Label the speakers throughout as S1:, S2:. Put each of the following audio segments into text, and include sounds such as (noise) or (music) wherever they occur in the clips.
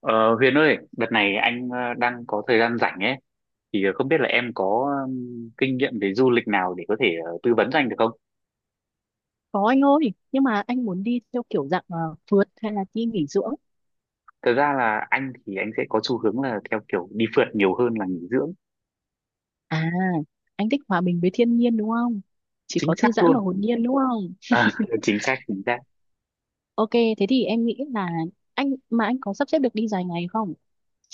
S1: Ờ, Huyền ơi, đợt này anh đang có thời gian rảnh ấy, thì không biết là em có kinh nghiệm về du lịch nào để có thể tư vấn cho anh được không?
S2: Có anh ơi, nhưng mà anh muốn đi theo kiểu dạng phượt hay là đi nghỉ dưỡng?
S1: Thật ra là anh thì anh sẽ có xu hướng là theo kiểu đi phượt nhiều hơn là nghỉ dưỡng,
S2: À, anh thích hòa bình với thiên nhiên đúng không? Chỉ
S1: chính
S2: có thư
S1: xác
S2: giãn và
S1: luôn.
S2: hồn nhiên đúng không?
S1: À, (laughs) chính xác, chính xác.
S2: Ok, thế thì em nghĩ là anh mà anh có sắp xếp được đi dài ngày không?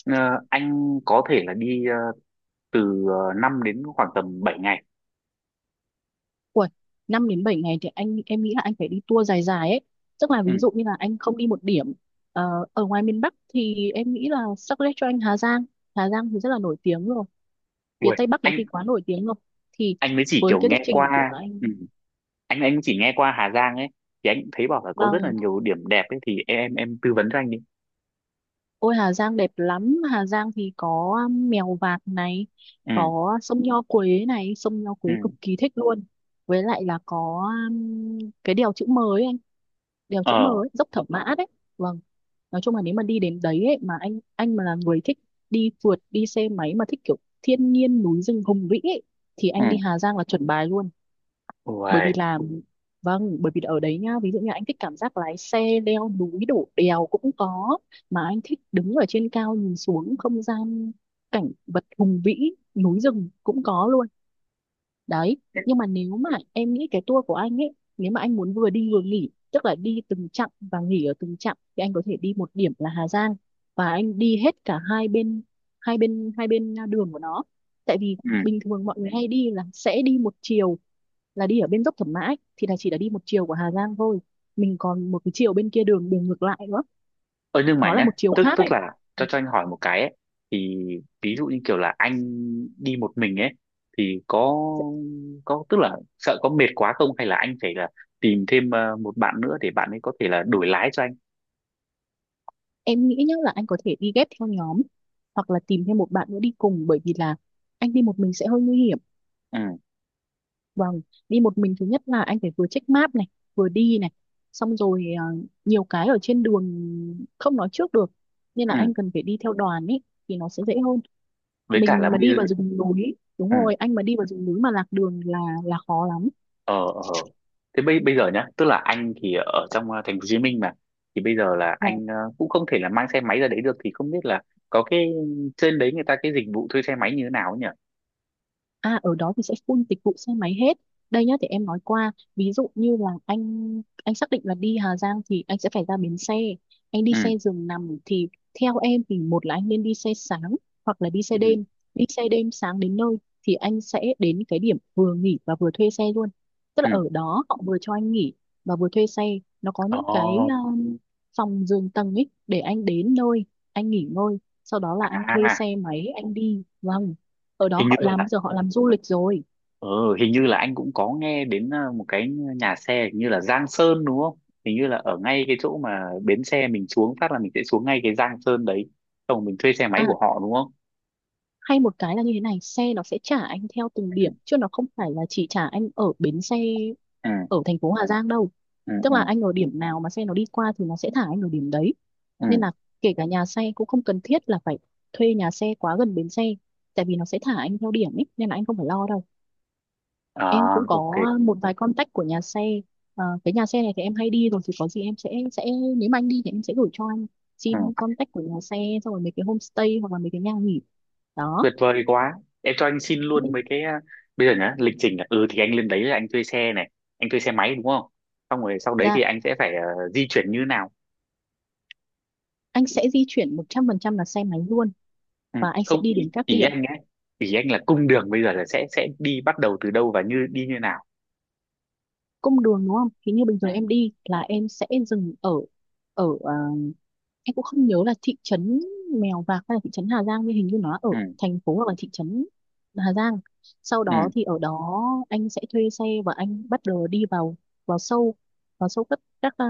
S1: Ờ, anh có thể là đi từ 5 đến khoảng tầm 7 ngày.
S2: Ui, 5 đến 7 ngày thì anh, em nghĩ là anh phải đi tour dài dài ấy. Tức là
S1: Ừ,
S2: ví dụ như là anh không đi một điểm ở ngoài miền Bắc thì em nghĩ là suggest cho anh Hà Giang. Hà Giang thì rất là nổi tiếng rồi. Phía
S1: ui,
S2: Tây Bắc đấy thì
S1: anh
S2: quá nổi tiếng rồi. Thì
S1: anh mới chỉ
S2: với
S1: kiểu
S2: cái lịch
S1: nghe
S2: trình của
S1: qua, ừ,
S2: anh.
S1: anh chỉ nghe qua Hà Giang ấy, thì anh thấy bảo là có rất là
S2: Vâng.
S1: nhiều điểm đẹp ấy, thì em tư vấn cho anh đi.
S2: Ôi Hà Giang đẹp lắm, Hà Giang thì có Mèo Vạc này,
S1: Ừ,
S2: có sông Nho Quế này, sông Nho
S1: ừ.
S2: Quế cực kỳ thích luôn. Với lại là có cái đèo chữ M ấy anh, đèo chữ M
S1: Ờ
S2: ấy, dốc Thẩm Mã đấy. Vâng. Nói chung là nếu mà đi đến đấy ấy, mà anh mà là người thích đi phượt, đi xe máy mà thích kiểu thiên nhiên núi rừng hùng vĩ ấy, thì
S1: ừ.
S2: anh đi Hà Giang là chuẩn bài luôn. Bởi
S1: Uầy.
S2: vì là Vâng. Bởi vì ở đấy nhá, ví dụ như anh thích cảm giác lái xe leo núi đổ đèo cũng có, mà anh thích đứng ở trên cao nhìn xuống không gian, cảnh vật hùng vĩ núi rừng cũng có luôn đấy. Nhưng mà nếu mà em nghĩ cái tour của anh ấy, nếu mà anh muốn vừa đi vừa nghỉ, tức là đi từng chặng và nghỉ ở từng chặng, thì anh có thể đi một điểm là Hà Giang và anh đi hết cả hai bên, hai bên đường của nó. Tại vì
S1: Ừ.
S2: bình thường mọi người hay đi là sẽ đi một chiều, là đi ở bên dốc Thẩm Mã ấy, thì là chỉ là đi một chiều của Hà Giang thôi, mình còn một cái chiều bên kia, đường đường ngược lại nữa,
S1: Ơ, nhưng mà
S2: nó là
S1: nhá,
S2: một chiều
S1: tức
S2: khác ấy.
S1: tức là cho anh hỏi một cái ấy, thì ví dụ như kiểu là anh đi một mình ấy thì có tức là sợ có mệt quá không, hay là anh phải là tìm thêm một bạn nữa để bạn ấy có thể là đổi lái cho anh.
S2: Em nghĩ nhá là anh có thể đi ghép theo nhóm hoặc là tìm thêm một bạn nữa đi cùng, bởi vì là anh đi một mình sẽ hơi nguy hiểm.
S1: Ừ,
S2: Vâng. Đi một mình, thứ nhất là anh phải vừa check map này, vừa đi này, xong rồi nhiều cái ở trên đường không nói trước được, nên là
S1: ừ,
S2: anh cần phải đi theo đoàn ấy, thì nó sẽ dễ hơn.
S1: với cả là
S2: Mình mà
S1: bây giờ,
S2: đi vào rừng núi, đúng
S1: ừ,
S2: rồi, anh mà đi vào rừng núi mà lạc đường là khó lắm
S1: ờ ờ ờ. Thế bây bây giờ nhá, tức là anh thì ở trong thành phố Hồ Chí Minh mà, thì bây giờ là
S2: là
S1: anh cũng không thể là mang xe máy ra đấy được, thì không biết là có cái trên đấy người ta cái dịch vụ thuê xe máy như thế nào ấy nhỉ?
S2: À, ở đó thì sẽ full dịch vụ xe máy hết. Đây nhá, để em nói qua, ví dụ như là anh xác định là đi Hà Giang thì anh sẽ phải ra bến xe. Anh đi xe
S1: Ừ,
S2: giường nằm thì theo em thì một là anh nên đi xe sáng hoặc là đi xe
S1: ừ,
S2: đêm. Đi xe đêm sáng đến nơi thì anh sẽ đến cái điểm vừa nghỉ và vừa thuê xe luôn. Tức là
S1: ừ.
S2: ở đó họ vừa cho anh nghỉ và vừa thuê xe. Nó có những cái
S1: Ồ,
S2: phòng giường tầng ấy, để anh đến nơi, anh nghỉ ngơi, sau đó là anh thuê
S1: à,
S2: xe máy anh đi. Vâng, ở đó
S1: hình như
S2: họ làm,
S1: là
S2: giờ họ làm du lịch rồi.
S1: ừ, hình như là anh cũng có nghe đến một cái nhà xe hình như là Giang Sơn, đúng không? Hình như là ở ngay cái chỗ mà bến xe mình xuống phát là mình sẽ xuống ngay cái Giang Sơn đấy, xong rồi mình thuê xe
S2: À,
S1: máy của họ đúng không?
S2: hay một cái là như thế này, xe nó sẽ trả anh theo từng
S1: Ừ,
S2: điểm chứ nó không phải là chỉ trả anh ở bến xe
S1: ừ,
S2: ở thành phố Hà Giang đâu.
S1: ừ,
S2: Tức
S1: ừ,
S2: là anh ở điểm nào mà xe nó đi qua thì nó sẽ thả anh ở điểm đấy, nên
S1: ừ.
S2: là kể cả nhà xe cũng không cần thiết là phải thuê nhà xe quá gần bến xe, tại vì nó sẽ thả anh theo điểm ấy nên là anh không phải lo đâu. Em
S1: À,
S2: cũng
S1: ok,
S2: có một vài contact của nhà xe. Ờ, cái nhà xe này thì em hay đi rồi, thì có gì em sẽ nếu mà anh đi thì em sẽ gửi cho anh,
S1: ừ.
S2: xin contact của nhà xe, xong rồi mấy cái homestay hoặc là mấy cái nhà nghỉ đó.
S1: Tuyệt vời quá, em cho anh xin
S2: Ừ.
S1: luôn mấy cái ờ, Bây giờ nhá, lịch trình là, thì anh lên đấy là anh thuê xe này, anh thuê xe máy đúng không, xong rồi sau đấy thì
S2: Dạ
S1: anh sẽ phải di chuyển như nào?
S2: anh sẽ di chuyển 100% là xe máy luôn
S1: Ừ.
S2: và anh sẽ
S1: Không,
S2: đi
S1: ý,
S2: đến các
S1: ý
S2: điểm,
S1: anh ấy, ý anh là cung đường bây giờ là sẽ đi bắt đầu từ đâu và như đi như nào?
S2: cung đường đúng không, thì như bình thường
S1: Ừ,
S2: em đi là em sẽ dừng ở ở em cũng không nhớ là thị trấn Mèo Vạc hay là thị trấn Hà Giang, nhưng hình như nó ở
S1: ừ,
S2: thành phố hoặc là thị trấn Hà Giang, sau
S1: ừ,
S2: đó thì ở đó anh sẽ thuê xe và anh bắt đầu đi vào vào sâu vào sâu các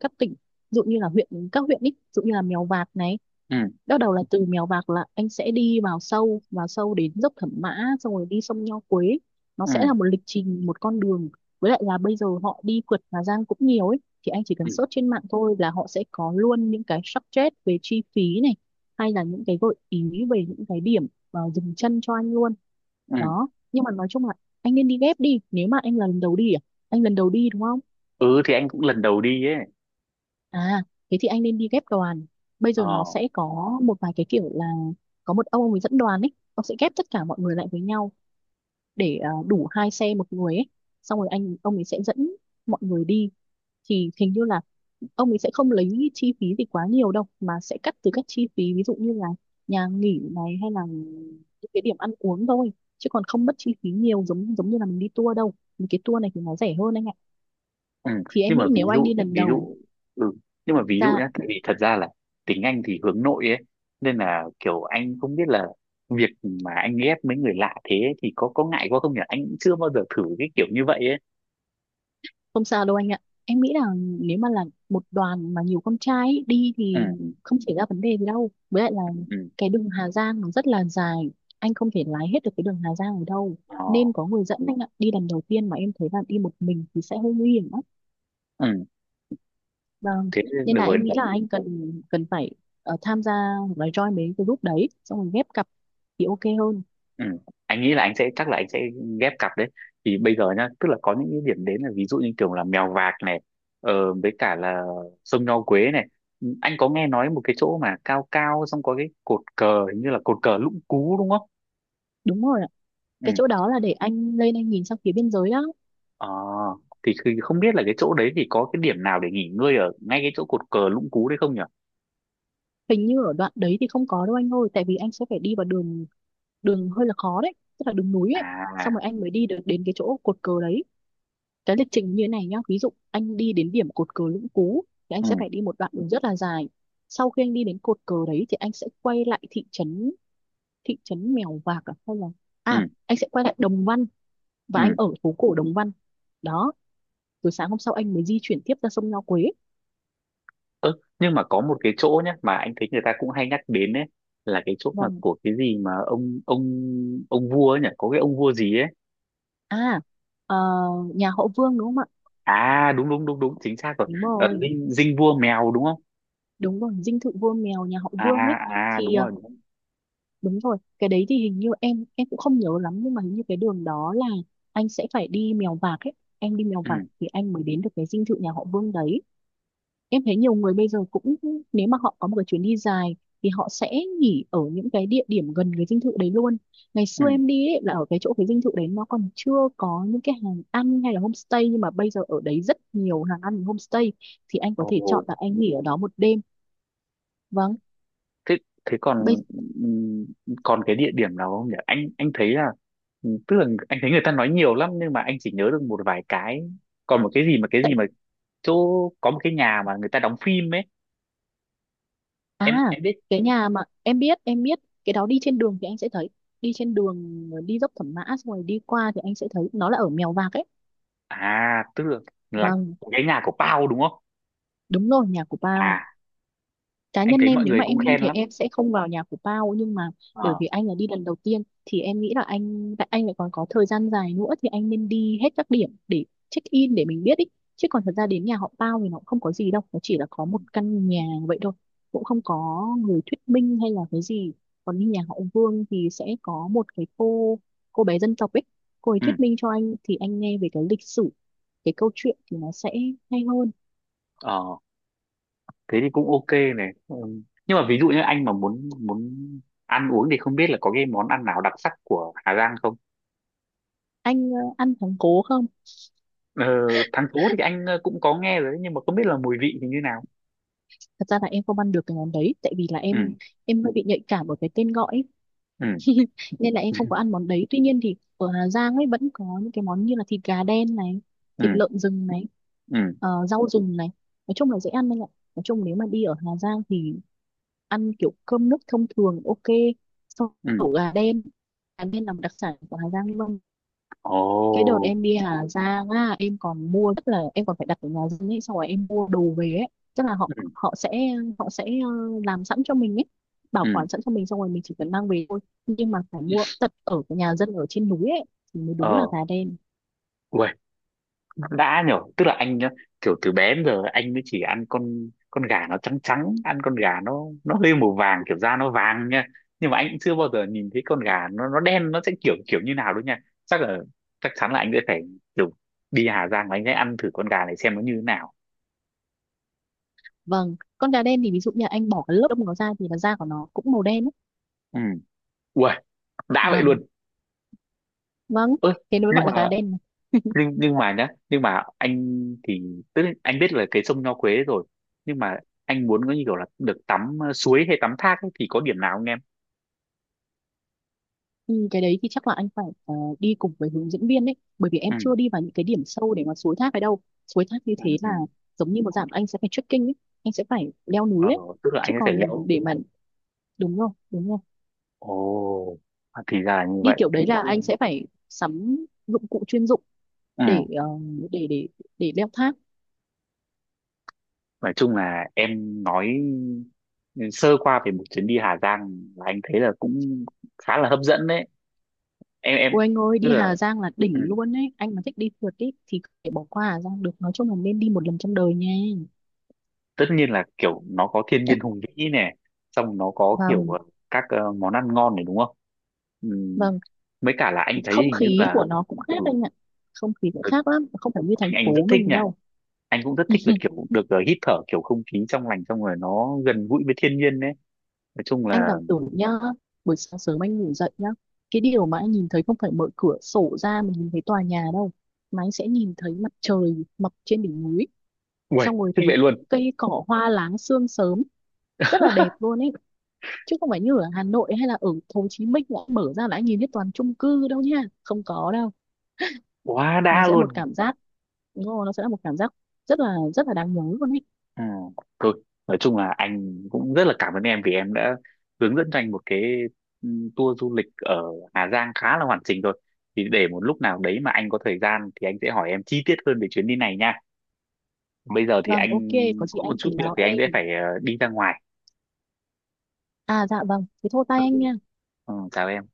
S2: các tỉnh, ví dụ như là huyện, các huyện ý, ví dụ như là Mèo Vạc này.
S1: ừ,
S2: Bắt đầu là từ Mèo Vạc là anh sẽ đi vào sâu đến dốc Thẩm Mã, xong rồi đi sông Nho Quế. Nó sẽ
S1: ừ,
S2: là một lịch trình, một con đường. Với lại là bây giờ họ đi phượt Hà Giang cũng nhiều ấy. Thì anh chỉ cần
S1: ừ,
S2: search trên mạng thôi là họ sẽ có luôn những cái budget về chi phí này. Hay là những cái gợi ý về những cái điểm dừng chân cho anh luôn.
S1: ừ.
S2: Đó. Nhưng mà nói chung là anh nên đi ghép đi. Nếu mà anh là lần đầu đi à? Anh lần đầu đi đúng không?
S1: Ừ, thì anh cũng lần đầu đi ấy.
S2: À, thế thì anh nên đi ghép đoàn. Bây giờ nó
S1: ờ
S2: sẽ có một vài cái kiểu là có một ông ấy dẫn đoàn ấy, ông sẽ ghép tất cả mọi người lại với nhau để đủ hai xe một người ấy. Xong rồi ông ấy sẽ dẫn mọi người đi. Thì hình như là ông ấy sẽ không lấy chi phí gì quá nhiều đâu mà sẽ cắt từ các chi phí, ví dụ như là nhà nghỉ này hay là những cái điểm ăn uống thôi, chứ còn không mất chi phí nhiều giống giống như là mình đi tour đâu. Những cái tour này thì nó rẻ hơn anh ạ.
S1: ừ.
S2: Thì em
S1: Nhưng mà
S2: nghĩ
S1: ví
S2: nếu anh
S1: dụ
S2: đi lần
S1: ví
S2: đầu.
S1: dụ ừ. Nhưng mà ví dụ
S2: ra
S1: nhá, tại vì thật ra là tính anh thì hướng nội ấy, nên là kiểu anh không biết là việc mà anh ghép mấy người lạ thế ấy thì có ngại quá không nhỉ? Anh cũng chưa bao giờ thử cái kiểu như vậy ấy.
S2: Không sao đâu anh ạ. Em nghĩ là nếu mà là một đoàn mà nhiều con trai ấy, đi
S1: Ừ,
S2: thì không xảy ra vấn đề gì đâu. Với lại là
S1: ừ,
S2: cái đường Hà Giang nó rất là dài. Anh không thể lái hết được cái đường Hà Giang ở đâu.
S1: ờ
S2: Nên có người dẫn anh ạ. Đi lần đầu tiên mà em thấy là đi một mình thì sẽ hơi nguy hiểm lắm.
S1: ừ,
S2: Vâng.
S1: thế
S2: Nên
S1: được
S2: là
S1: rồi.
S2: em nghĩ là anh cần cần phải tham gia hoặc là join mấy cái group đấy. Xong rồi ghép cặp thì ok hơn.
S1: Ừ. Anh nghĩ là anh sẽ, chắc là anh sẽ ghép cặp đấy, thì bây giờ nhá tức là có những cái điểm đến, là ví dụ như kiểu là Mèo Vạc này, với cả là sông Nho Quế này. Ừ, anh có nghe nói một cái chỗ mà cao cao xong có cái cột cờ, hình như là cột cờ Lũng Cú đúng không?
S2: Đúng rồi ạ.
S1: Ừ.
S2: Cái chỗ đó là để anh lên anh nhìn sang phía biên giới đó.
S1: Ờ, thì không biết là cái chỗ đấy thì có cái điểm nào để nghỉ ngơi ở ngay cái chỗ cột cờ Lũng Cú đấy không nhỉ?
S2: Hình như ở đoạn đấy thì không có đâu anh ơi. Tại vì anh sẽ phải đi vào đường, hơi là khó đấy, tức là đường núi ấy, xong
S1: À,
S2: rồi anh mới đi được đến cái chỗ cột cờ đấy. Cái lịch trình như thế này nhá, ví dụ anh đi đến điểm cột cờ Lũng Cú thì anh
S1: ừ,
S2: sẽ phải đi một đoạn đường rất là dài, sau khi anh đi đến cột cờ đấy thì anh sẽ quay lại thị trấn Mèo Vạc à, hay là
S1: ừ,
S2: anh sẽ quay lại Đồng Văn, và
S1: ừ.
S2: anh ở phố cổ Đồng Văn đó. Rồi sáng hôm sau anh mới di chuyển tiếp ra sông Nho Quế
S1: Ơ, nhưng mà có một cái chỗ nhá mà anh thấy người ta cũng hay nhắc đến ấy, là cái chỗ mà
S2: và
S1: của cái gì mà, ông vua ấy nhỉ, có cái ông vua gì ấy?
S2: à ờ, nhà họ Vương đúng không ạ.
S1: À, đúng đúng đúng đúng, chính xác rồi.
S2: Đúng rồi,
S1: Dinh dinh vua Mèo đúng không?
S2: đúng rồi, dinh thự vua mèo nhà họ
S1: À,
S2: Vương ấy.
S1: à,
S2: thì
S1: đúng
S2: ờ,
S1: rồi, đúng rồi.
S2: Đúng rồi, cái đấy thì hình như em cũng không nhớ lắm, nhưng mà hình như cái đường đó là anh sẽ phải đi Mèo Vạc ấy. Em đi Mèo
S1: Ừ,
S2: Vạc thì anh mới đến được cái dinh thự nhà họ Vương đấy. Em thấy nhiều người bây giờ cũng, nếu mà họ có một cái chuyến đi dài thì họ sẽ nghỉ ở những cái địa điểm gần cái dinh thự đấy luôn. Ngày xưa
S1: ừ,
S2: em đi ấy, là ở cái chỗ cái dinh thự đấy nó còn chưa có những cái hàng ăn hay là homestay, nhưng mà bây giờ ở đấy rất nhiều hàng ăn homestay, thì anh có thể
S1: ồ,
S2: chọn là anh nghỉ ở đó một đêm. Vâng.
S1: thế thế
S2: bây
S1: còn ừm, còn cái địa điểm nào không nhỉ, anh thấy là, tức là anh thấy người ta nói nhiều lắm nhưng mà anh chỉ nhớ được một vài cái, còn một cái gì mà cái
S2: tại
S1: gì mà chỗ có một cái nhà mà người ta đóng phim ấy, em
S2: À,
S1: em biết.
S2: cái nhà mà em biết cái đó đi trên đường thì anh sẽ thấy. Đi trên đường đi dốc Thẩm Mã xong rồi đi qua thì anh sẽ thấy nó là ở Mèo Vạc ấy.
S1: À tức là
S2: Vâng,
S1: cái nhà của Pao đúng không?
S2: đúng rồi, nhà của Pao.
S1: À,
S2: Cá
S1: anh
S2: nhân
S1: thấy
S2: em
S1: mọi
S2: nếu
S1: người
S2: mà
S1: cũng
S2: em đi
S1: khen
S2: thì
S1: lắm.
S2: em sẽ không vào nhà của Pao, nhưng mà bởi
S1: ờ
S2: vì anh là đi lần đầu tiên thì em nghĩ là anh tại anh lại còn có thời gian dài nữa thì anh nên đi hết các điểm để check in để mình biết ý. Chứ còn thật ra đến nhà họ Pao thì nó cũng không có gì đâu, nó chỉ là có
S1: ừ,
S2: một căn nhà vậy thôi, cũng không có người thuyết minh hay là cái gì. Còn đi nhà họ Vương thì sẽ có một cái cô bé dân tộc ấy, cô ấy
S1: ừ,
S2: thuyết minh cho anh thì anh nghe về cái lịch sử, cái câu chuyện thì nó sẽ hay hơn.
S1: ờ thế thì cũng ok này, ừ. Nhưng mà ví dụ như anh mà muốn muốn ăn uống thì không biết là có cái món ăn nào đặc sắc của Hà Giang không?
S2: Anh ăn thắng cố không?
S1: ờ, thắng cố thì anh cũng có nghe rồi đấy, nhưng mà không biết là mùi vị thì như nào?
S2: Thật ra là em không ăn được cái món đấy, tại vì là
S1: Ừ,
S2: em hơi bị nhạy cảm ở cái tên gọi ấy.
S1: ừ,
S2: Nên là em không có
S1: (laughs)
S2: ăn món đấy, tuy nhiên thì ở Hà Giang ấy vẫn có những cái món như là thịt gà đen này, thịt
S1: ừ,
S2: lợn rừng này,
S1: ừ,
S2: rau rừng này. Nói chung là dễ ăn anh ạ. Nói chung nếu mà đi ở Hà Giang thì ăn kiểu cơm nước thông thường ok, sau
S1: ừ,
S2: ổ gà đen. Gà đen là một đặc sản của Hà Giang luôn.
S1: ồ,
S2: Cái đợt em đi Hà Giang á, em còn mua, tức là em còn phải đặt ở nhà dân ấy xong rồi em mua đồ về ấy. Tức là họ
S1: ừ,
S2: họ sẽ, họ sẽ làm sẵn cho mình ấy, bảo
S1: ừ,
S2: quản sẵn cho mình xong rồi mình chỉ cần mang về thôi. Nhưng mà phải mua tận ở cái nhà dân ở trên núi ấy thì mới đúng là
S1: ờ
S2: gà đen.
S1: Uầy, đã nhở, tức là anh nhá, kiểu từ bé đến giờ anh mới chỉ ăn con gà nó trắng trắng, ăn con gà nó hơi màu vàng kiểu da nó vàng nha. Nhưng mà anh cũng chưa bao giờ nhìn thấy con gà nó đen nó sẽ kiểu kiểu như nào đâu nha. Chắc là, chắc chắn là anh sẽ phải kiểu đi Hà Giang và anh sẽ ăn thử con gà này xem nó như thế nào.
S2: Vâng, con gà đen thì ví dụ như anh bỏ cái lớp đông nó ra thì là da của nó cũng màu đen ấy.
S1: Ừ, ui, đã vậy
S2: Vâng,
S1: luôn.
S2: vâng,
S1: Ơ,
S2: thế nó mới
S1: nhưng
S2: gọi là gà
S1: mà
S2: đen.
S1: nhưng mà nhá nhưng mà anh thì, tức là anh biết là cái sông Nho Quế rồi, nhưng mà anh muốn có như kiểu là được tắm suối hay tắm thác ấy, thì có điểm nào không em?
S2: Ừ, cái đấy thì chắc là anh phải đi cùng với hướng dẫn viên đấy, bởi vì em
S1: Ừ,
S2: chưa đi vào những cái điểm sâu để mà suối thác ấy đâu. Suối thác như
S1: ừ,
S2: thế là
S1: ừ.
S2: giống như một dạng anh sẽ phải trekking ấy, anh sẽ phải leo núi
S1: Ờ,
S2: đấy.
S1: tức là
S2: Chứ
S1: anh ấy phải
S2: còn
S1: leo.
S2: để mà, đúng không, đúng rồi,
S1: Ồ, à, thì ra là như
S2: đi
S1: vậy.
S2: kiểu đấy
S1: Nói
S2: là anh
S1: chung,
S2: sẽ phải sắm dụng cụ chuyên dụng
S1: ừ,
S2: để để để leo thác.
S1: nói chung là em nói sơ qua về một chuyến đi Hà Giang, là anh thấy là cũng khá là hấp dẫn đấy. Em
S2: Ôi anh ơi,
S1: tức
S2: đi
S1: là,
S2: Hà Giang là
S1: ừ,
S2: đỉnh luôn đấy, anh mà thích đi phượt ý, thì có thể bỏ qua Hà Giang được, nói chung là nên đi một lần trong đời nha.
S1: tất nhiên là kiểu nó có thiên nhiên hùng
S2: (laughs)
S1: vĩ này, xong nó có kiểu
S2: Vâng,
S1: các món ăn ngon này đúng không? Ừ,
S2: vâng,
S1: mấy cả là anh thấy
S2: không
S1: hình như
S2: khí
S1: là,
S2: của nó cũng
S1: ừ,
S2: khác anh ạ, không khí cũng khác lắm, không phải như thành
S1: anh rất
S2: phố
S1: thích
S2: mình
S1: nhỉ,
S2: đâu.
S1: anh cũng rất thích là
S2: (laughs)
S1: kiểu được hít thở kiểu không khí trong lành xong rồi nó gần gũi với thiên nhiên đấy. Nói chung
S2: Anh
S1: là,
S2: cảm tưởng nhá, buổi sáng sớm anh ngủ dậy nhá, cái điều mà anh nhìn thấy không phải mở cửa sổ ra mình nhìn thấy tòa nhà đâu, mà anh sẽ nhìn thấy mặt trời mọc trên đỉnh núi,
S1: uầy,
S2: xong rồi
S1: thích
S2: thấy
S1: vậy luôn,
S2: cây cỏ hoa láng sương sớm, rất là đẹp luôn ấy. Chứ không phải như ở Hà Nội hay là ở Hồ Chí Minh đã mở ra là anh nhìn thấy toàn chung cư đâu nha, không có đâu.
S1: quá
S2: Nó
S1: đã
S2: sẽ một
S1: luôn.
S2: cảm giác, đúng rồi, nó sẽ là một cảm giác rất là đáng nhớ luôn ấy.
S1: Ừ. Thôi nói chung là anh cũng rất là cảm ơn em vì em đã hướng dẫn cho anh một cái ừ, tour du lịch ở Hà Giang khá là hoàn chỉnh rồi, thì để một lúc nào đấy mà anh có thời gian thì anh sẽ hỏi em chi tiết hơn về chuyến đi này nha. Bây giờ thì
S2: Vâng,
S1: anh
S2: ok, có chị
S1: có một
S2: anh
S1: chút
S2: cứ
S1: việc
S2: báo
S1: thì anh sẽ
S2: em.
S1: phải đi ra ngoài.
S2: À dạ vâng, thế thôi
S1: Ừ.
S2: tay anh nha.
S1: Ừ, chào em.